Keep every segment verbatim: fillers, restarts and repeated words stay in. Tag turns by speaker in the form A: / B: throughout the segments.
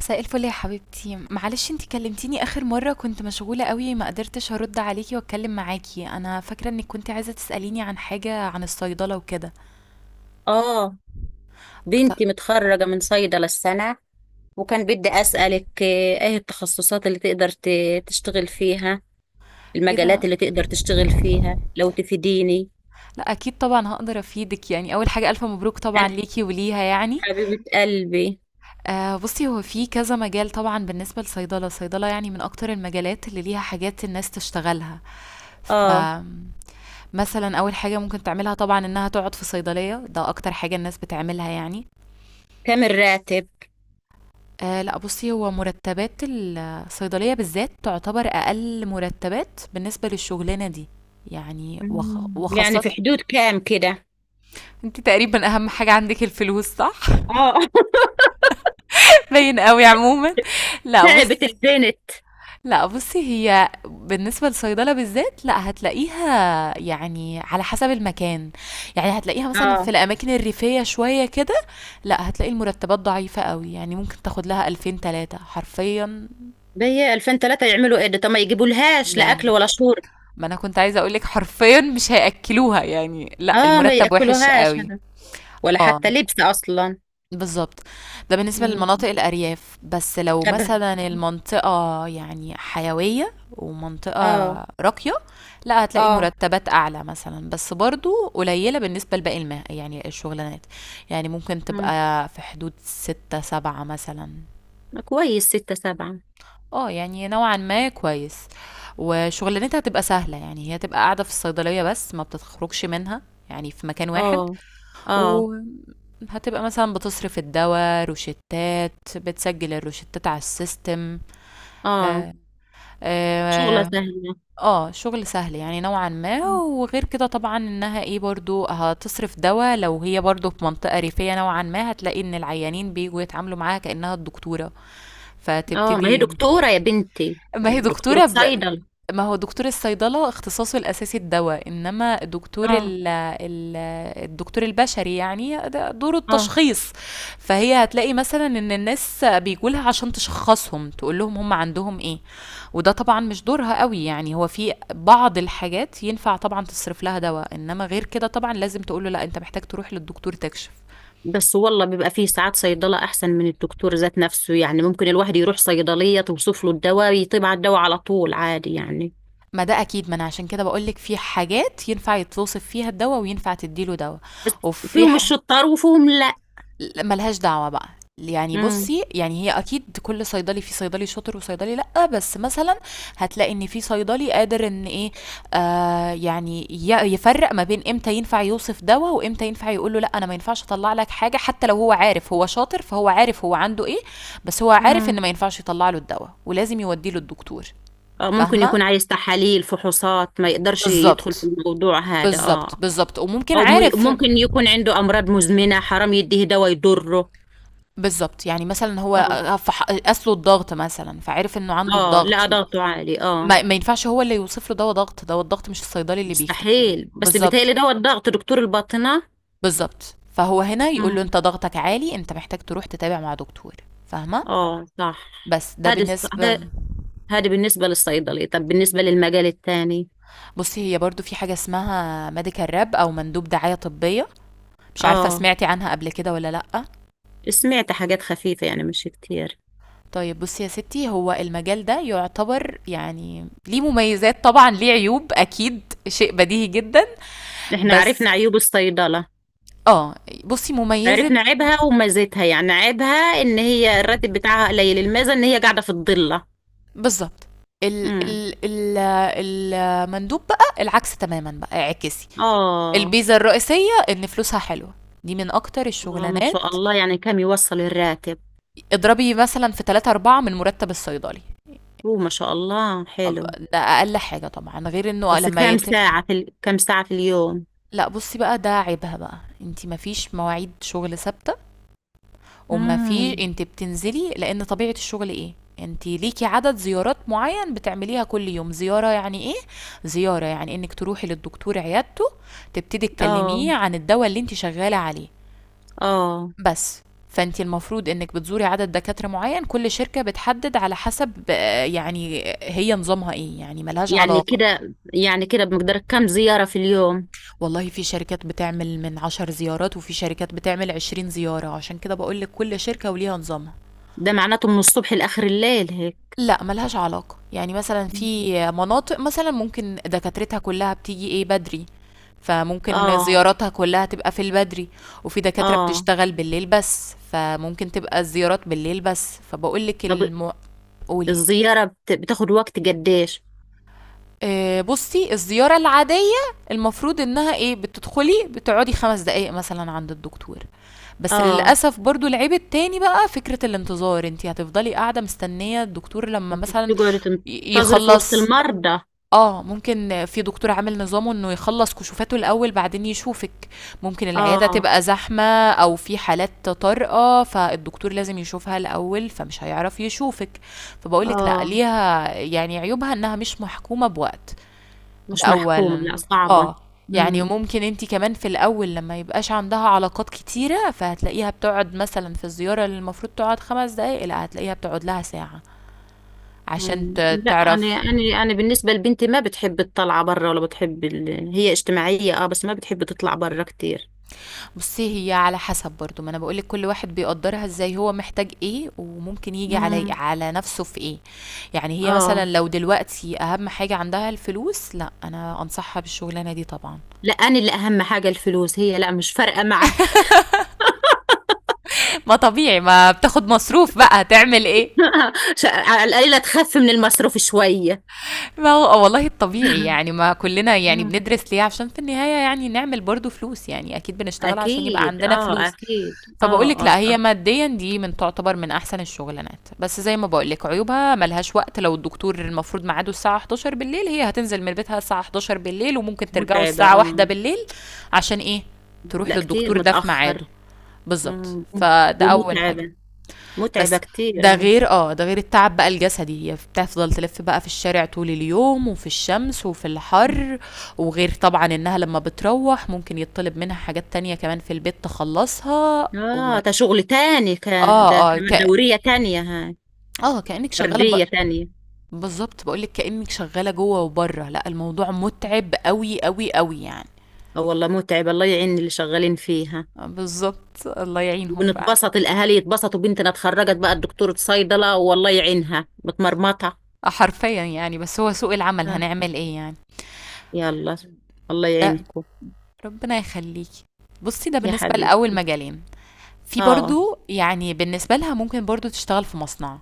A: مساء الفل يا حبيبتي، معلش انتي كلمتيني اخر مرة كنت مشغولة قوي، ما قدرتش هرد عليكي واتكلم معاكي. انا فاكرة انك كنت عايزة تسأليني عن حاجة عن الصيدلة وكده.
B: اه،
A: طب
B: بنتي متخرجة من صيدلة السنة. وكان بدي أسألك آه، ايه التخصصات اللي تقدر ت- تشتغل فيها،
A: ايه ده؟
B: المجالات اللي تقدر تشتغل فيها لو تفيديني.
A: لا اكيد طبعا هقدر افيدك، يعني اول حاجة الف مبروك طبعا
B: أنا
A: ليكي وليها يعني.
B: حبيبة قلبي.
A: آه بصي، هو في كذا مجال. طبعا بالنسبة للصيدلة، الصيدلة يعني من اكتر المجالات اللي ليها حاجات الناس تشتغلها. ف
B: اه.
A: مثلا اول حاجة ممكن تعملها طبعا انها تقعد في صيدلية، ده اكتر حاجة الناس بتعملها يعني.
B: كام الراتب؟
A: آه لا بصي، هو مرتبات الصيدلية بالذات تعتبر أقل مرتبات بالنسبة للشغلانة دي. يعني وخ...
B: مم، يعني
A: وخاصة
B: في حدود كام كده؟
A: انت تقريبا أهم حاجة عندك الفلوس، صح؟
B: اه.
A: باين قوي عموما. لا بص.
B: تعبت البنت.
A: لا بصي، هي بالنسبة للصيدلة بالذات، لا هتلاقيها يعني على حسب المكان. يعني هتلاقيها مثلا في
B: اه،
A: الأماكن الريفية شوية كده، لا هتلاقي المرتبات ضعيفة قوي. يعني ممكن تاخد لها ألفين تلاتة حرفيا.
B: بي ألفين تلاتة يعملوا ايه ده؟ طب ما يجيبولهاش لا اكل
A: يعني
B: ولا شرب.
A: ما انا كنت عايزه اقولك، حرفيا مش هياكلوها، يعني لا
B: اه، ما
A: المرتب وحش
B: ياكلوهاش
A: قوي.
B: ولا حتى
A: اه
B: لبس اصلا.
A: بالظبط. ده بالنسبه
B: مم.
A: للمناطق الارياف. بس لو
B: طب.
A: مثلا المنطقه يعني حيويه ومنطقه
B: اه.
A: راقيه، لا هتلاقي
B: اه
A: المرتبات اعلى مثلا، بس برضو قليله بالنسبه لباقي المه يعني الشغلانات. يعني ممكن
B: مم.
A: تبقى في حدود ستة سبعة مثلا.
B: كويس ستة سبعة.
A: اه يعني نوعا ما كويس. وشغلانتها هتبقى سهلة، يعني هي تبقى قاعدة في الصيدلية بس، ما بتخرجش منها، يعني في مكان واحد.
B: اه اه
A: وهتبقى مثلا بتصرف الدواء، روشتات، بتسجل الروشتات على السيستم.
B: اه
A: اه,
B: شغلة
A: آه,
B: سهلة.
A: اه شغل سهل يعني نوعا ما.
B: مم.
A: وغير كده طبعا انها ايه، برضو هتصرف دواء. لو هي برضو في منطقة ريفية نوعا ما، هتلاقي ان العيانين بيجوا يتعاملوا معاها كأنها الدكتورة.
B: اه، ما هي
A: فتبتدي.
B: دكتورة يا بنتي،
A: ما هي
B: دكتورة
A: دكتورة ب...
B: صيدلة.
A: ما هو دكتور الصيدلة اختصاصه الأساسي الدواء، إنما دكتور
B: اه.
A: ال... ال... الدكتور البشري يعني ده دوره
B: اه،
A: التشخيص. فهي هتلاقي مثلا إن الناس بيجولها عشان تشخصهم، تقول لهم هم عندهم إيه. وده طبعا مش دورها قوي. يعني هو في بعض الحاجات ينفع طبعا تصرف لها دواء، إنما غير كده طبعا لازم تقول له لا، أنت محتاج تروح للدكتور تكشف.
B: بس والله بيبقى فيه ساعات صيدلة أحسن من الدكتور ذات نفسه، يعني ممكن الواحد يروح صيدلية توصف له الدواء يطيب على الدواء على طول عادي يعني.
A: ما ده اكيد، ما انا عشان كده بقولك في حاجات ينفع يتوصف فيها الدواء وينفع تديله دواء. وفي
B: فيهم
A: ح...
B: الشطار وفيهم لأ.
A: لأ، ملهاش دعوة بقى. يعني
B: مم.
A: بُصّي، يعني هي أكيد كل صيدلي، في صيدلي شاطر وصيدلي لأ، بس مثلًا هتلاقي إن في صيدلي قادر إن إيه، آآ يعني ي يفرّق ما بين إمتى ينفع يوصف دوا، وإمتى ينفع يقول له لأ، أنا ما ينفعش أطلّع لك حاجة. حتى لو هو عارف هو شاطر، فهو عارف هو عنده إيه، بس هو عارف إن
B: مم.
A: ما ينفعش يطلّع له الدوا، ولازم يودّيه للدكتور.
B: آه، ممكن
A: فاهمة؟
B: يكون عايز تحاليل فحوصات ما يقدرش يدخل في
A: بالضبط،
B: الموضوع هذا. اه.
A: بالضبط، بالضبط، وممكن
B: او م-
A: عارف
B: ممكن يكون عنده امراض مزمنه حرام يديه دواء يضره.
A: بالضبط. يعني مثلًا هو
B: اه.
A: آآ فح قاس له الضغط مثلًا، فعرف إنه عنده
B: اه،
A: الضغط.
B: لا ضغطه عالي. اه،
A: ما, ما ينفعش هو اللي يوصف له ده ضغط، ده الضغط مش الصيدلي اللي بيكتب.
B: مستحيل، بس
A: بالظبط،
B: بيتهيألي دواء الضغط دكتور الباطنه.
A: بالظبط. فهو هنا يقول له
B: امم.
A: انت ضغطك عالي، انت محتاج تروح تتابع مع دكتور. فاهمه؟
B: اه صح.
A: بس ده
B: هذه
A: بالنسبه.
B: هذه بالنسبه للصيدلي، طب بالنسبه للمجال الثاني؟
A: بصي هي برضو في حاجه اسمها ميديكال راب او مندوب دعايه طبيه. مش عارفه
B: اه،
A: سمعتي عنها قبل كده ولا لا؟
B: سمعت حاجات خفيفه يعني مش كتير.
A: طيب بصي يا ستي، هو المجال ده يعتبر يعني ليه مميزات طبعا، ليه عيوب اكيد، شيء بديهي جدا.
B: احنا
A: بس
B: عرفنا عيوب الصيدله،
A: اه بصي مميزة.
B: عرفنا عيبها وميزتها، يعني عيبها ان هي الراتب بتاعها قليل، الميزه ان هي قاعده في الضله.
A: بالضبط. ال
B: امم.
A: ال ال المندوب بقى العكس تمامًا بقى، اعكسي.
B: اه.
A: البيزا الرئيسية إن فلوسها حلوة، دي من أكتر
B: اه ما
A: الشغلانات.
B: شاء الله، يعني كم يوصل الراتب؟
A: اضربي مثلًا في ثلاثة، أربعة من مرتب الصيدلي.
B: هو ما شاء الله
A: أب
B: حلو.
A: ده أقل حاجة طبعًا، غير إنه
B: بس
A: لمّا
B: كم
A: يت
B: ساعة في ال... كم ساعة في اليوم؟
A: لأ بُصّي بقى، ده عيبها بقى، أنتِ ما فيش مواعيد شغل ثابتة، وما في،
B: امم.
A: انت بتنزلي لان طبيعة الشغل ايه، انت ليكي عدد زيارات معين بتعمليها كل يوم. زيارة يعني ايه؟ زيارة يعني انك تروحي للدكتور عيادته، تبتدي
B: اه.
A: تكلميه عن الدواء اللي انت شغالة عليه
B: اه،
A: بس. فانت المفروض انك بتزوري عدد دكاترة معين، كل شركة بتحدد على حسب آه، يعني هي نظامها ايه، يعني ملهاش
B: يعني
A: علاقة.
B: كده، يعني كده، بمقدار كم زيارة في اليوم؟
A: والله في شركات بتعمل من عشر زيارات، وفي شركات بتعمل عشرين زيارة، عشان كده بقولك كل شركة وليها نظامها.
B: ده معناته من الصبح لآخر الليل هيك؟
A: لأ، ما لهاش علاقة. يعني مثلًا في مناطق مثلًا ممكن دكاترتها كلّها بتيجي إيه، بدري، فممكن
B: اه.
A: زياراتها كلّها تبقى في البدري. وفي دكاترة
B: اه.
A: بتشتغل بالليل بس، فممكن تبقى الزيارات بالليل بس. فباقول لِك
B: طب
A: الم قولي.
B: الزيارة بت... بتاخد وقت قديش؟
A: آآ بُصّي، الزيارة العادية المفروض إنها إيه، بتدخلي بتقعدي خمس دقايق مثلًا عند الدكتور. بس
B: اه،
A: للأسف برضه العيب التاني بقى فكرة الانتظار، أنتِ هتفضلي قاعدة مستنية الدكتور لمّا
B: انت
A: مثلًا
B: بتقعد
A: ي
B: تنتظر في وسط
A: يخلّص.
B: المرضى.
A: آه، ممكن في دكتور عامل نظامه إنه يخلّص كشوفاته الأول بعدين يشوفِك، ممكن العيادة
B: اه.
A: تبقى زحمة أو في حالات طارئة فالدكتور لازم يشوفها الأول فمش هيعرف يشوفِك. فباقول لِك لأ
B: اه،
A: ليها يعني عيوبها إنها مش محكومة بوقت، ده
B: مش محكومة،
A: أولًا.
B: لا صعبة.
A: آه، يعني
B: مم.
A: ممكن أنتِ كمان في الأول لمّا ما يبقاش عندها علاقات كتيرة فهتلاقيها بتقعد مثلًا في الزيارة اللي المفروض تقعد خمس دقايق لأ هتلاقيها بتقعد لها ساعة عشان
B: مم.
A: ت
B: لا، انا
A: تعرف.
B: انا انا بالنسبه لبنتي ما بتحب الطلعه برا ولا بتحب ال... هي اجتماعيه اه، بس ما بتحب تطلع برا كتير.
A: بُصّي، هي على حسب برضه، ما أنا باقول لِك كل واحد بيقدّرها إزاي، هو محتاج إيه، وممكن ييجي علي
B: امم.
A: على نَفْسه في إيه. يعني هي مثلًا
B: اه.
A: لو دلوقتي أهم حاجة عندها الفلوس، لأ، أنا أنصحها بالشُغلانة دي طبعًا.
B: لا انا اللي اهم حاجه الفلوس، هي لا مش فارقه معاها.
A: ما طبيعي، ما بتاخُد مصروف بقى، هتعمل إيه؟
B: ش- على القليله تخف من المصروف شويه.
A: ما هو آه، والله الطبيعي، يعني ما كلنا يعني
B: امم.
A: بندرس ليه؟ عشان في النهاية يعني نعمل برضو فلوس، يعني أكيد بنشتغل عشان يبقى
B: اكيد
A: عندنا
B: اه،
A: فلوس.
B: اكيد
A: فبقولك
B: اه اه
A: لا، هي
B: آه.
A: ماديا دي من تعتبر من أحسن الشغلانات، بس زي ما بقولك عيوبها ملهاش وقت. لو الدكتور المفروض ميعاده الساعة حداشر بالليل، هي هتنزل من بيتها الساعة حداشر بالليل، وممكن ترجعوا
B: متعبه
A: الساعة
B: اه.
A: واحدة بالليل. عشان إيه؟ تروح
B: لا كتير
A: للدكتور ده في ميعاده.
B: متاخر.
A: بالظبط،
B: مم.
A: فده أول حاجة.
B: ومتعبه، متعبه
A: بس
B: كتير
A: ده
B: اه.
A: غير اه، ده غير التعب بقى الجسدي، هي بتفضل تلف بقى في الشارع طول اليوم وفي الشمس وفي الحر. وغير طبعا انها لما بتروح ممكن يطلب منها حاجات تانية كمان في البيت تخلصها و...
B: اه، ده شغل تاني، كان
A: اه
B: ده
A: اه ك...
B: كمان دوريه تانية هاي،
A: اه كأنك شغالة ب...
B: بردية تانية.
A: بالظبط، بقولك كأنك شغالة جوه وبره. لا الموضوع متعب قوي قوي قوي يعني.
B: اه والله متعب، الله يعين اللي شغالين فيها.
A: آه، بالظبط، الله يعينهم فعلا.
B: ونتبسط الأهالي، يتبسطوا بنتنا اتخرجت بقى الدكتورة صيدلة، والله يعينها متمرمطة.
A: آه، حرفيا يعني، بس هو سوق العمل
B: اه.
A: هنعمل ايه يعني.
B: يلا، الله
A: ده
B: يعينكم.
A: ربنا يخليكي. بصي ده
B: يا
A: بالنسبة
B: حبيبي.
A: لأول مجالين. في
B: اه،
A: برضو يعني بالنسبة لها ممكن برضو تشتغل في مصنع.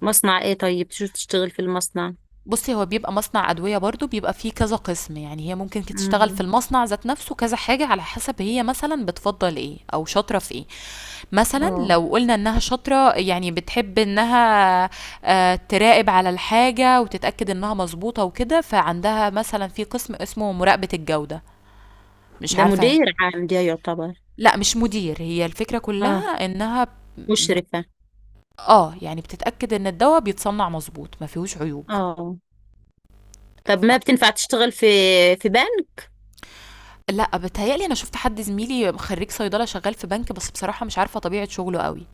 B: مصنع ايه؟ طيب شو تشتغل في المصنع؟
A: بصي هو بيبقى مصنع أدوية برضو، بيبقى فيه كذا قسم. يعني هي ممكن كت- تشتغل في
B: مم.
A: المصنع ذات نفسه كذا حاجة على حسب هي مثلا بتفضل ايه أو شاطرة في ايه. مثلا
B: اه.
A: لو قلنا انها شاطرة يعني بتحب انها آه، تراقب على الحاجة وتتأكد انها مظبوطة وكده، فعندها مثلا في قسم اسمه مراقبة الجودة. مش
B: ده
A: عارفة.
B: مدير عام ده يعتبر؟
A: لا مش مدير، هي الفكرة
B: اه،
A: كلها انها
B: مشرفة.
A: آه، يعني بتتأكد إن الدوا بيتصنّع مضبوط، ما فيهوش عيوب.
B: اه. طب ما بتنفع تشتغل في في بنك؟
A: لأ، بيتهيأ لي أنا شُفت حد زميلي خرّيج صيدلة شغّال في بنك، بس بصراحة مش عارفة طبيعة شُغله أوي.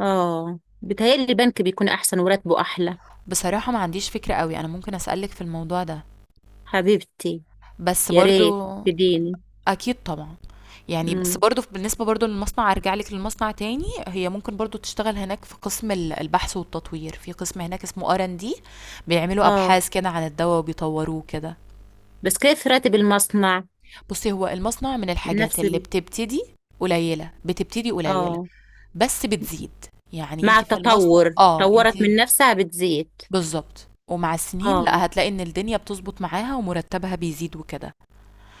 B: اه، بتهيألي البنك بيكون أحسن وراتبه أحلى.
A: بصراحة ما عنديش فكرة أوي، أنا ممكن أسألِك في الموضوع ده،
B: حبيبتي.
A: بس
B: يا ريت
A: برضه.
B: تديني.
A: أكيد طبعًا. يعني بس برضه بالنسبة برضه للمصنع، أرجع لِك للمصنع تاني، هي ممكن برضه تشتغل هناك في قسم ال البحث والتطوير، في قسم هناك اسمه آر آند دي، بيعملوا
B: اه.
A: أبحاث كده عن الدوا وبيطوّروه وكده.
B: بس كيف راتب المصنع؟
A: بُصّي، هو المصنع من الحاجات
B: نفس
A: اللي
B: ال...
A: بتبتدي قليّلة، بتبتدي قليّلة،
B: اه،
A: بس بتزيد. يعني
B: مع
A: أنتِ في المصنع
B: التطور
A: آه، أنتِ
B: طورت من نفسها بتزيد.
A: بالضبط، ومع السنين لأ
B: اه.
A: هتلاقي إن الدنيا بتضبط معاها ومرتبها بيزيد وكده.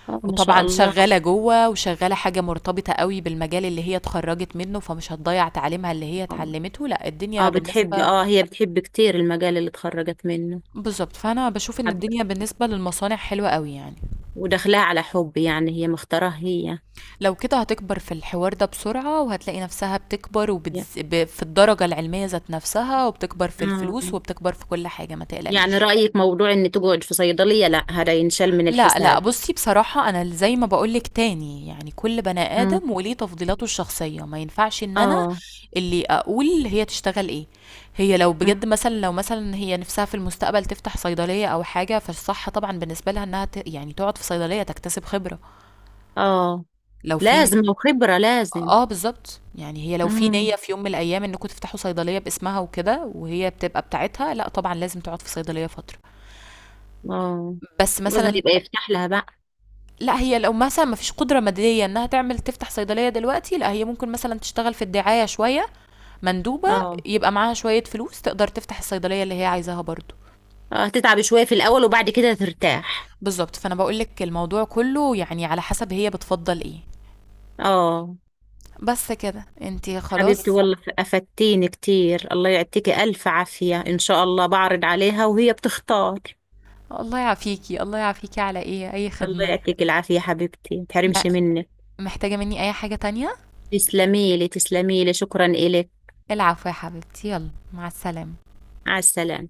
B: اه ما شاء
A: وطبعًا
B: الله.
A: شغالة جوّه، وشغالة حاجة مرتبطة أوي بالمجال اللي هي اتخرّجت منه، فمش هتضيّع تعليمها اللي هي اتعلمته. لأ الدنيا
B: اه، بتحب،
A: بالنسبة
B: اه هي بتحب كتير المجال اللي اتخرجت منه.
A: بالضبط. فأنا باشوف إن
B: حب.
A: الدنيا بالنسبة للمصانع حلوة أوي يعني.
B: ودخلها على حب، يعني هي مختاراه هي.
A: لو كده هتكبر في الحوار ده بسرعة، وهتلاقي نفسها بتكبر وبتز
B: يا-.
A: ب في الدرجة العلمية ذات نفسها، وبتكبر في
B: اه.
A: الفلوس وبتكبر في كل حاجة، ما
B: يعني
A: تقلقيش.
B: رأيك موضوع ان تقعد في صيدلية لا، هذا ينشال من
A: لأ، لأ،
B: الحساب.
A: بُصّي بصراحة، أنا ال زي ما باقول لِك تاني، يعني كل بني
B: مم.
A: آدم وليه تفضيلاته الشخصية، ما ينفعش إن أنا
B: اه.
A: اللي أقول هي تشتغل إيه. هي لو
B: مم.
A: بجد مثلًا، لو مثلًا هي نِفْسها في المستقبل تفتح صيدلية أو حاجة، فالصح طبعًا بالنسبة لها إنها ت يعني تقعد في صيدلية تكتسب خبرة.
B: اه،
A: لو في ن
B: لازم، وخبرة لازم.
A: آه بالضبط، يعني هي لو في نيّة
B: مم.
A: في يوم من الأيام إنكم تفتحوا صيدلية باسمها وكده، وهي بتبقى بتاعتها، لأ طبعًا لازم تقعد في صيدلية فترة.
B: اه.
A: بس
B: جوزها
A: مثلًا
B: يبقى يفتح لها بقى.
A: لا، هي لو مثلا ما فيش قدرة مادية انها تعمل تفتح صيدلية دلوقتي، لا هي ممكن مثلا تشتغل في الدعاية شوية، مندوبة،
B: اه.
A: يبقى معاها شوية فلوس تقدر تفتح الصيدلية اللي هي عايزاها برضو.
B: اه، هتتعبي شوية في الأول وبعد كده ترتاح.
A: بالظبط. فانا بقولك الموضوع كله يعني على حسب هي بتفضل ايه.
B: اه.
A: بس كده انتي
B: حبيبتي
A: خلاص.
B: والله أفدتيني كتير، الله يعطيكي ألف عافية، إن شاء الله بعرض عليها وهي بتختار.
A: الله يعافيكي، الله يعافيكي، على ايه، اي
B: الله
A: خدمة.
B: يعطيكي العافية حبيبتي،
A: ما
B: متحرمش منك.
A: محتاجة مني اي حاجة تانية؟
B: تسلميلي تسلميلي شكرا إلك.
A: العفو يا حبيبتي، يلا مع السلامة.
B: على السلامة.